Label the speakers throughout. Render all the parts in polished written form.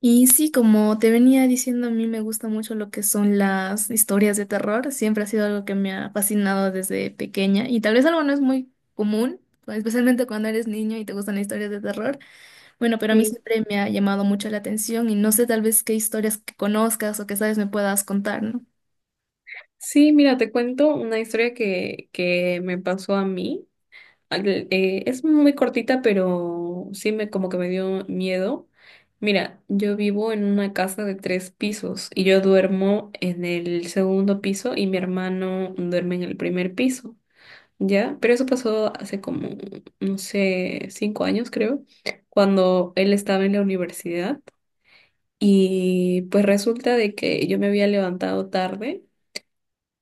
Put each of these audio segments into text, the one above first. Speaker 1: Y sí, como te venía diciendo, a mí me gusta mucho lo que son las historias de terror. Siempre ha sido algo que me ha fascinado desde pequeña y tal vez algo no es muy común, especialmente cuando eres niño y te gustan las historias de terror. Bueno, pero a mí
Speaker 2: Sí,
Speaker 1: siempre me ha llamado mucho la atención y no sé tal vez qué historias que conozcas o que sabes me puedas contar, ¿no?
Speaker 2: sí, mira, te cuento una historia que me pasó a mí. Es muy cortita, pero sí me como que me dio miedo. Mira, yo vivo en una casa de tres pisos y yo duermo en el segundo piso y mi hermano duerme en el primer piso, ¿ya? Pero eso pasó hace como, no sé, 5 años creo, cuando él estaba en la universidad y pues resulta de que yo me había levantado tarde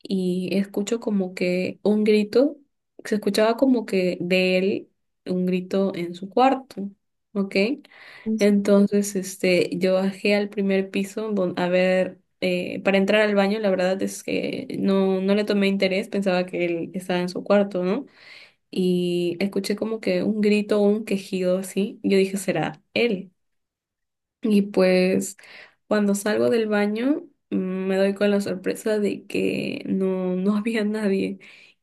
Speaker 2: y escucho como que un grito, se escuchaba como que de él un grito en su cuarto, ¿ok?
Speaker 1: Entonces,
Speaker 2: Entonces, este, yo bajé al primer piso, a ver, para entrar al baño. La verdad es que no le tomé interés, pensaba que él estaba en su cuarto, ¿no? Y escuché como que un grito, un quejido así, yo dije, será él. Y pues cuando salgo del baño, me doy con la sorpresa de que no había nadie,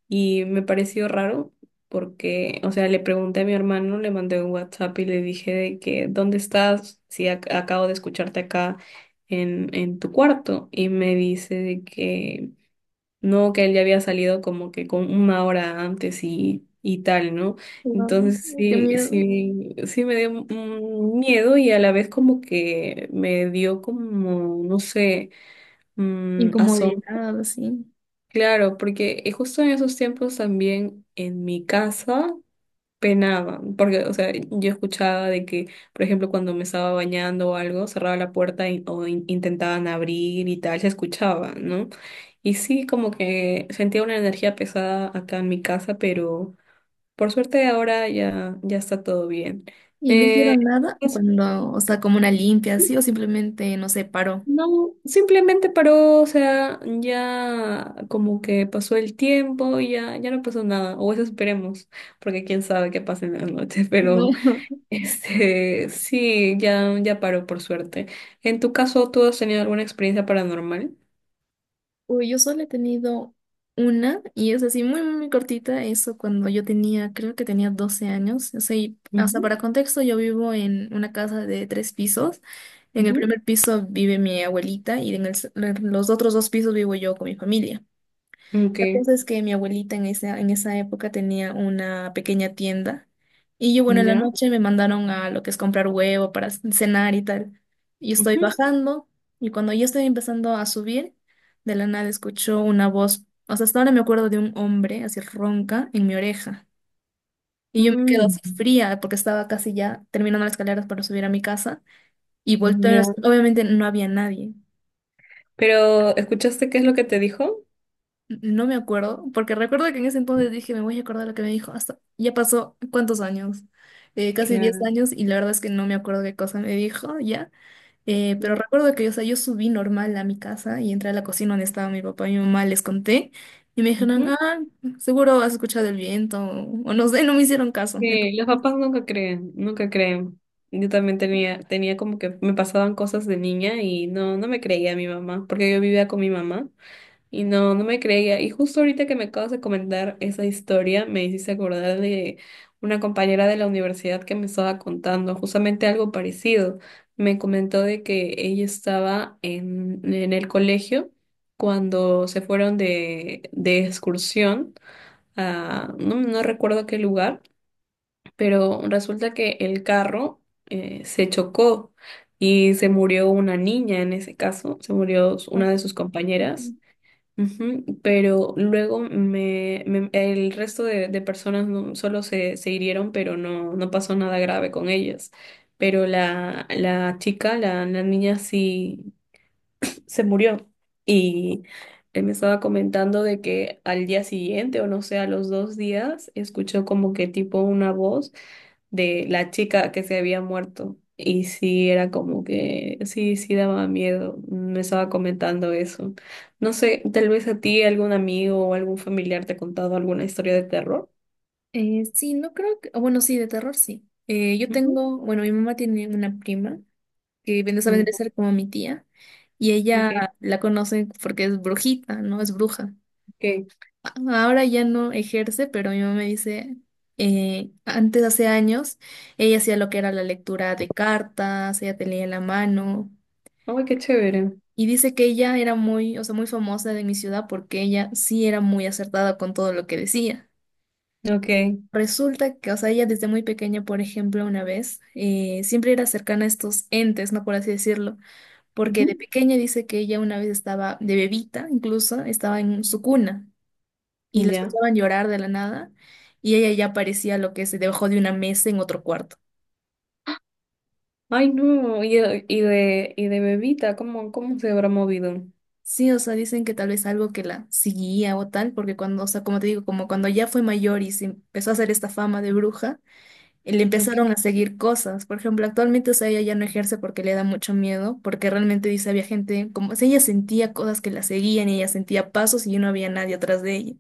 Speaker 2: y me pareció raro porque, o sea, le pregunté a mi hermano, le mandé un WhatsApp y le dije de que, ¿dónde estás? Si acabo de escucharte acá en tu cuarto, y me dice de que no, que él ya había salido como que con una hora antes y tal, ¿no?
Speaker 1: wow,
Speaker 2: Entonces
Speaker 1: qué
Speaker 2: sí,
Speaker 1: miedo.
Speaker 2: sí, sí me dio, miedo, y a la vez como que me dio como, no sé, asombro.
Speaker 1: Incomodidad, así.
Speaker 2: Claro, porque, justo en esos tiempos también en mi casa penaba, porque, o sea, yo escuchaba de que, por ejemplo, cuando me estaba bañando o algo, cerraba la puerta, intentaban abrir y tal, se escuchaba, ¿no? Y sí, como que sentía una energía pesada acá en mi casa, pero por suerte ahora ya, ya está todo bien.
Speaker 1: Y no
Speaker 2: Eh,
Speaker 1: hicieron nada
Speaker 2: pues,
Speaker 1: cuando, o sea, como una limpia, así, o simplemente, no sé, paró.
Speaker 2: no, simplemente paró, o sea, ya como que pasó el tiempo y ya, ya no pasó nada, o eso esperemos, porque quién sabe qué pasa en la noche,
Speaker 1: No.
Speaker 2: pero... Sí, ya, ya paró por suerte. En tu caso, ¿tú has tenido alguna experiencia paranormal?
Speaker 1: Uy, yo solo he tenido una y es así muy, muy cortita, eso cuando yo tenía, creo que tenía 12 años. O sea, y o sea
Speaker 2: Ujú,
Speaker 1: para contexto, yo vivo en una casa de tres pisos. En el
Speaker 2: ujú.
Speaker 1: primer piso vive mi abuelita y en el en los otros dos pisos vivo yo con mi familia.
Speaker 2: Ok,
Speaker 1: La cosa es que mi abuelita en esa época tenía una pequeña tienda y yo, bueno, en la
Speaker 2: ya.
Speaker 1: noche me mandaron a lo que es comprar huevo para cenar y tal. Yo estoy
Speaker 2: Ujú.
Speaker 1: bajando y cuando yo estoy empezando a subir, de la nada escucho una voz, o sea, hasta ahora me acuerdo de un hombre así ronca en mi oreja y yo me quedo
Speaker 2: Mm,
Speaker 1: así fría porque estaba casi ya terminando las escaleras para subir a mi casa y volteo,
Speaker 2: ya.
Speaker 1: y obviamente no había nadie.
Speaker 2: Pero, ¿escuchaste qué es lo que te dijo?
Speaker 1: No me acuerdo, porque recuerdo que en ese entonces dije, me voy a acordar lo que me dijo. Hasta ya pasó cuántos años. Casi 10
Speaker 2: Claro.
Speaker 1: años, y la verdad es que no me acuerdo qué cosa me dijo ya. Pero
Speaker 2: Mm,
Speaker 1: recuerdo que, o sea, yo subí normal a mi casa y entré a la cocina donde estaba mi papá y mi mamá, les conté, y me dijeron,
Speaker 2: ujú.
Speaker 1: ah, seguro has escuchado el viento, o no sé, no me hicieron caso. Entonces,
Speaker 2: Sí, los papás nunca creen, nunca creen. Yo también tenía, como que me pasaban cosas de niña, y no me creía a mi mamá, porque yo vivía con mi mamá. Y no me creía. Y justo ahorita que me acabas de comentar esa historia, me hiciste acordar de una compañera de la universidad que me estaba contando justamente algo parecido. Me comentó de que ella estaba en el colegio cuando se fueron de excursión a, no recuerdo qué lugar, pero resulta que el carro, se chocó y se murió una niña en ese caso, se murió
Speaker 1: no,
Speaker 2: una de sus
Speaker 1: qué fue.
Speaker 2: compañeras. Ujú. Pero luego el resto de personas, solo se hirieron, pero no pasó nada grave con ellas. Pero la chica, la niña sí se murió. Y él me estaba comentando de que al día siguiente, o no sé, a los 2 días, escuchó como que tipo una voz de la chica que se había muerto. Y sí, era como que, sí, sí daba miedo. Me estaba comentando eso. No sé, tal vez a ti algún amigo o algún familiar te ha contado alguna historia de terror.
Speaker 1: Sí, no creo que, o bueno, sí, de terror sí. Yo
Speaker 2: Ujú.
Speaker 1: tengo, bueno, mi mamá tiene una prima que viene a venir
Speaker 2: Mm,
Speaker 1: a ser como mi tía, y ella
Speaker 2: ok,
Speaker 1: la conoce porque es brujita, ¿no? Es bruja.
Speaker 2: ok.
Speaker 1: A- Ahora ya no ejerce, pero mi mamá me dice, antes, hace años, ella hacía lo que era la lectura de cartas, ella te leía la mano,
Speaker 2: Ay, qué chévere.
Speaker 1: y dice que ella era muy, o sea, muy famosa de mi ciudad porque ella sí era muy acertada con todo lo que decía.
Speaker 2: Ok.
Speaker 1: Resulta que, o sea, ella desde muy pequeña, por ejemplo, una vez, siempre era cercana a estos entes, ¿no? Por así decirlo, porque de
Speaker 2: Ujú,
Speaker 1: pequeña dice que ella una vez estaba, de bebita incluso, estaba en su cuna y la
Speaker 2: ya.
Speaker 1: escuchaban llorar de la nada y ella ya parecía lo que se debajo de una mesa en otro cuarto.
Speaker 2: Ay, no. Y de bebita, ¿cómo se habrá movido?
Speaker 1: Sí, o sea, dicen que tal vez algo que la seguía o tal, porque cuando, o sea, como te digo, como cuando ya fue mayor y se empezó a hacer esta fama de bruja, le
Speaker 2: Ok.
Speaker 1: empezaron a seguir cosas. Por ejemplo, actualmente, o sea, ella ya no ejerce porque le da mucho miedo, porque realmente dice, había gente, como, o sea, ella sentía cosas que la seguían y ella sentía pasos y no había nadie atrás de ella.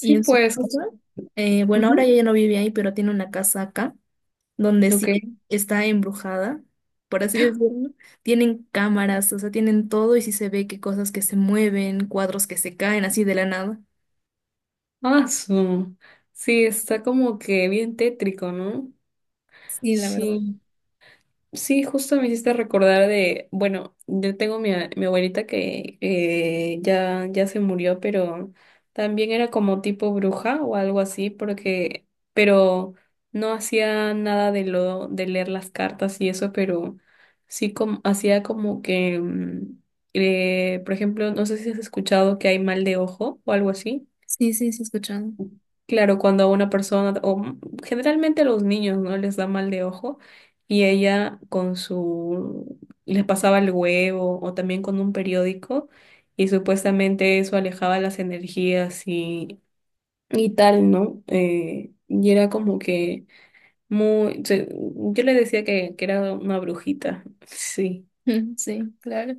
Speaker 1: Y en su
Speaker 2: pues.
Speaker 1: casa, bueno, ahora
Speaker 2: Ujú,
Speaker 1: ella ya no vive ahí, pero tiene una casa acá, donde
Speaker 2: ok.
Speaker 1: sí está embrujada, por así decirlo. Tienen cámaras, o sea, tienen todo y sí se ve que cosas que se mueven, cuadros que se caen así de la nada.
Speaker 2: Ah, su. Sí, está como que bien tétrico, ¿no?
Speaker 1: Sí, la verdad.
Speaker 2: Sí, sí, justo me hiciste recordar de, bueno, yo tengo mi abuelita que, ya, ya se murió, pero también era como tipo bruja o algo así, porque, pero no hacía nada de de leer las cartas y eso, pero sí como, hacía como que, por ejemplo, no sé si has escuchado que hay mal de ojo o algo así.
Speaker 1: Sí, sí, sí, he escuchado.
Speaker 2: Claro, cuando a una persona, generalmente a los niños, ¿no? Les da mal de ojo y ella con su, les pasaba el huevo o también con un periódico y supuestamente eso alejaba las energías y tal, ¿no? Y era como que muy, yo le decía que, era una brujita. Sí,
Speaker 1: Sí, claro.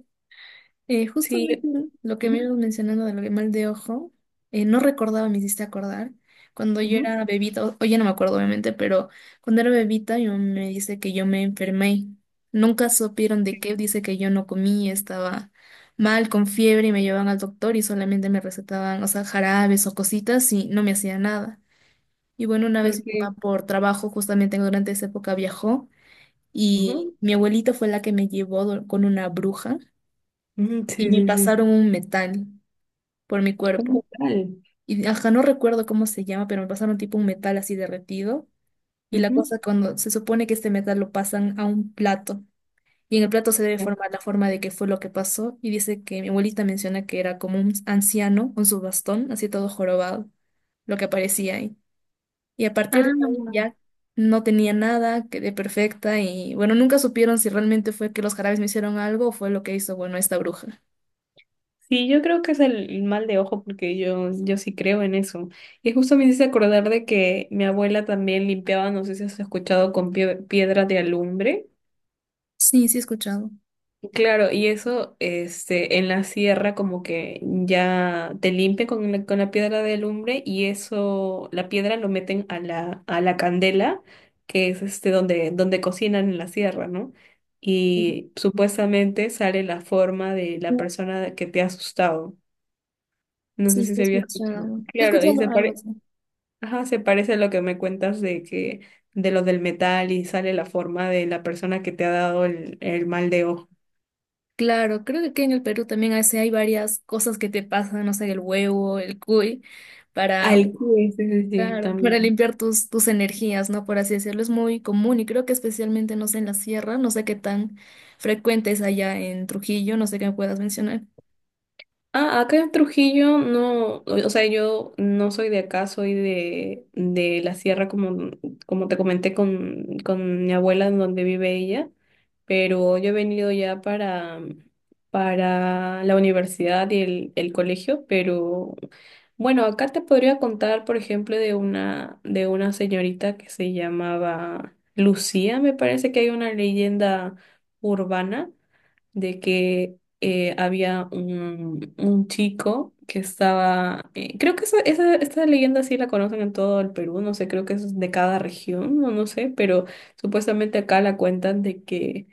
Speaker 2: sí,
Speaker 1: Justamente lo que me
Speaker 2: ujú,
Speaker 1: ibas mencionando de lo que mal de ojo, no recordaba, me hiciste acordar. Cuando yo
Speaker 2: ujú,
Speaker 1: era bebita, hoy ya no me acuerdo obviamente, pero cuando era bebita yo me dice que yo me enfermé. Nunca supieron de qué, dice que yo no comí, estaba mal, con fiebre y me llevaban al doctor y solamente me recetaban, o sea, jarabes o cositas y no me hacía nada. Y bueno, una vez mi
Speaker 2: ok,
Speaker 1: mamá por trabajo, justamente durante esa época viajó y
Speaker 2: ujú,
Speaker 1: mi abuelita fue la que me llevó con una bruja
Speaker 2: ujú,
Speaker 1: y
Speaker 2: sí,
Speaker 1: me
Speaker 2: sí, sí,
Speaker 1: pasaron un metal por mi
Speaker 2: un
Speaker 1: cuerpo.
Speaker 2: mortal,
Speaker 1: Y ajá, no recuerdo cómo se llama, pero me pasaron tipo un metal así derretido. Y la
Speaker 2: ujú,
Speaker 1: cosa cuando se supone que este metal lo pasan a un plato. Y en el plato se debe
Speaker 2: ya.
Speaker 1: formar la forma de qué fue lo que pasó. Y dice que mi abuelita menciona que era como un anciano con su bastón, así todo jorobado, lo que aparecía ahí. Y a partir de
Speaker 2: Ah,
Speaker 1: ahí ya no tenía nada, quedé perfecta. Y bueno, nunca supieron si realmente fue que los jarabes me hicieron algo o fue lo que hizo, bueno, esta bruja.
Speaker 2: sí, yo creo que es el mal de ojo porque yo sí creo en eso. Y justo me hice acordar de que mi abuela también limpiaba, no sé si has escuchado, con piedra de alumbre.
Speaker 1: Sí, sí he escuchado.
Speaker 2: Claro, y eso, en la sierra como que ya te limpia con la piedra de alumbre, y eso, la piedra lo meten a la candela, que es donde cocinan en la sierra, ¿no? Y supuestamente sale la forma de la persona que te ha asustado. No sé
Speaker 1: Sí,
Speaker 2: si
Speaker 1: te
Speaker 2: se había
Speaker 1: escucho.
Speaker 2: escuchado.
Speaker 1: Te
Speaker 2: Claro,
Speaker 1: escucho
Speaker 2: y
Speaker 1: algo
Speaker 2: se
Speaker 1: algo
Speaker 2: pare.
Speaker 1: así.
Speaker 2: Ajá, se parece a lo que me cuentas de que, de lo del metal, y sale la forma de la persona que te ha dado el mal de ojo.
Speaker 1: Claro, creo que aquí en el Perú también a hay varias cosas que te pasan, no sé, el huevo, el cuy, para,
Speaker 2: Al Sí, sí, sí, sí,
Speaker 1: claro, para
Speaker 2: también.
Speaker 1: limpiar tus, tus energías, ¿no? Por así decirlo, es muy común y creo que especialmente, no sé, en la sierra, no sé qué tan frecuente es allá en Trujillo, no sé qué me puedas mencionar.
Speaker 2: Ah, acá en Trujillo no, o sea, yo no soy de acá, soy de la sierra, como te comenté con mi abuela, en donde vive ella, pero yo he venido ya para la universidad y el colegio, pero bueno, acá te podría contar, por ejemplo, de una señorita que se llamaba Lucía. Me parece que hay una leyenda urbana de que, había un chico que estaba, creo que esta leyenda sí la conocen en todo el Perú, no sé, creo que es de cada región, no sé, pero supuestamente acá la cuentan de que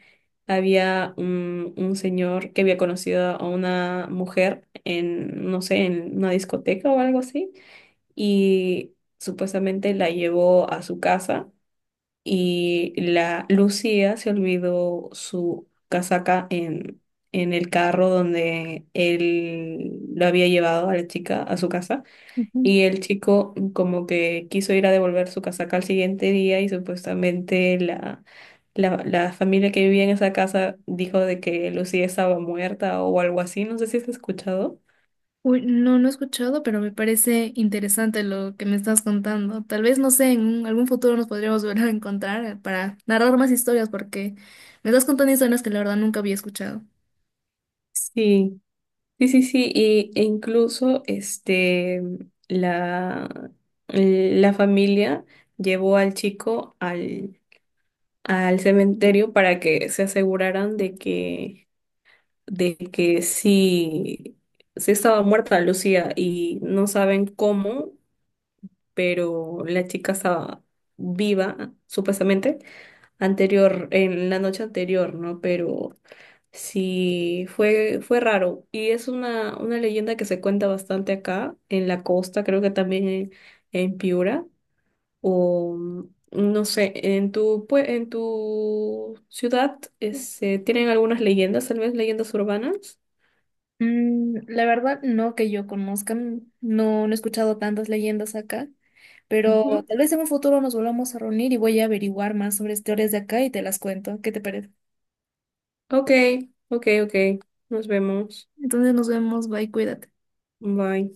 Speaker 2: había un señor que había conocido a una mujer en, no sé, en una discoteca o algo así, y supuestamente la llevó a su casa y la Lucía se olvidó su casaca en el carro donde él lo había llevado a la chica a su casa, y el chico como que quiso ir a devolver su casaca al siguiente día, y supuestamente la familia que vivía en esa casa dijo de que Lucía estaba muerta o algo así, no sé si has escuchado.
Speaker 1: Uy, no, no he escuchado, pero me parece interesante lo que me estás contando. Tal vez, no sé, en algún futuro nos podríamos volver a encontrar para narrar más historias, porque me estás contando historias que la verdad nunca había escuchado.
Speaker 2: Sí. Sí, sí, sí, e incluso, la, la familia llevó al chico al cementerio para que se aseguraran de que sí, sí estaba muerta Lucía, y no saben cómo, pero la chica estaba viva, supuestamente, anterior, en la noche anterior, ¿no? Pero sí, fue raro. Y es una leyenda que se cuenta bastante acá, en la costa, creo que también en Piura, o no sé, en tu ciudad. ¿Tienen algunas leyendas, tal vez leyendas urbanas?
Speaker 1: Mm, la verdad, no que yo conozca, no, no he escuchado tantas leyendas acá, pero
Speaker 2: Ujú.
Speaker 1: tal vez en un futuro nos volvamos a reunir y voy a averiguar más sobre historias de acá y te las cuento. ¿Qué te parece?
Speaker 2: Ok, ok, ok. Nos vemos.
Speaker 1: Entonces nos vemos, bye, cuídate.
Speaker 2: Bye.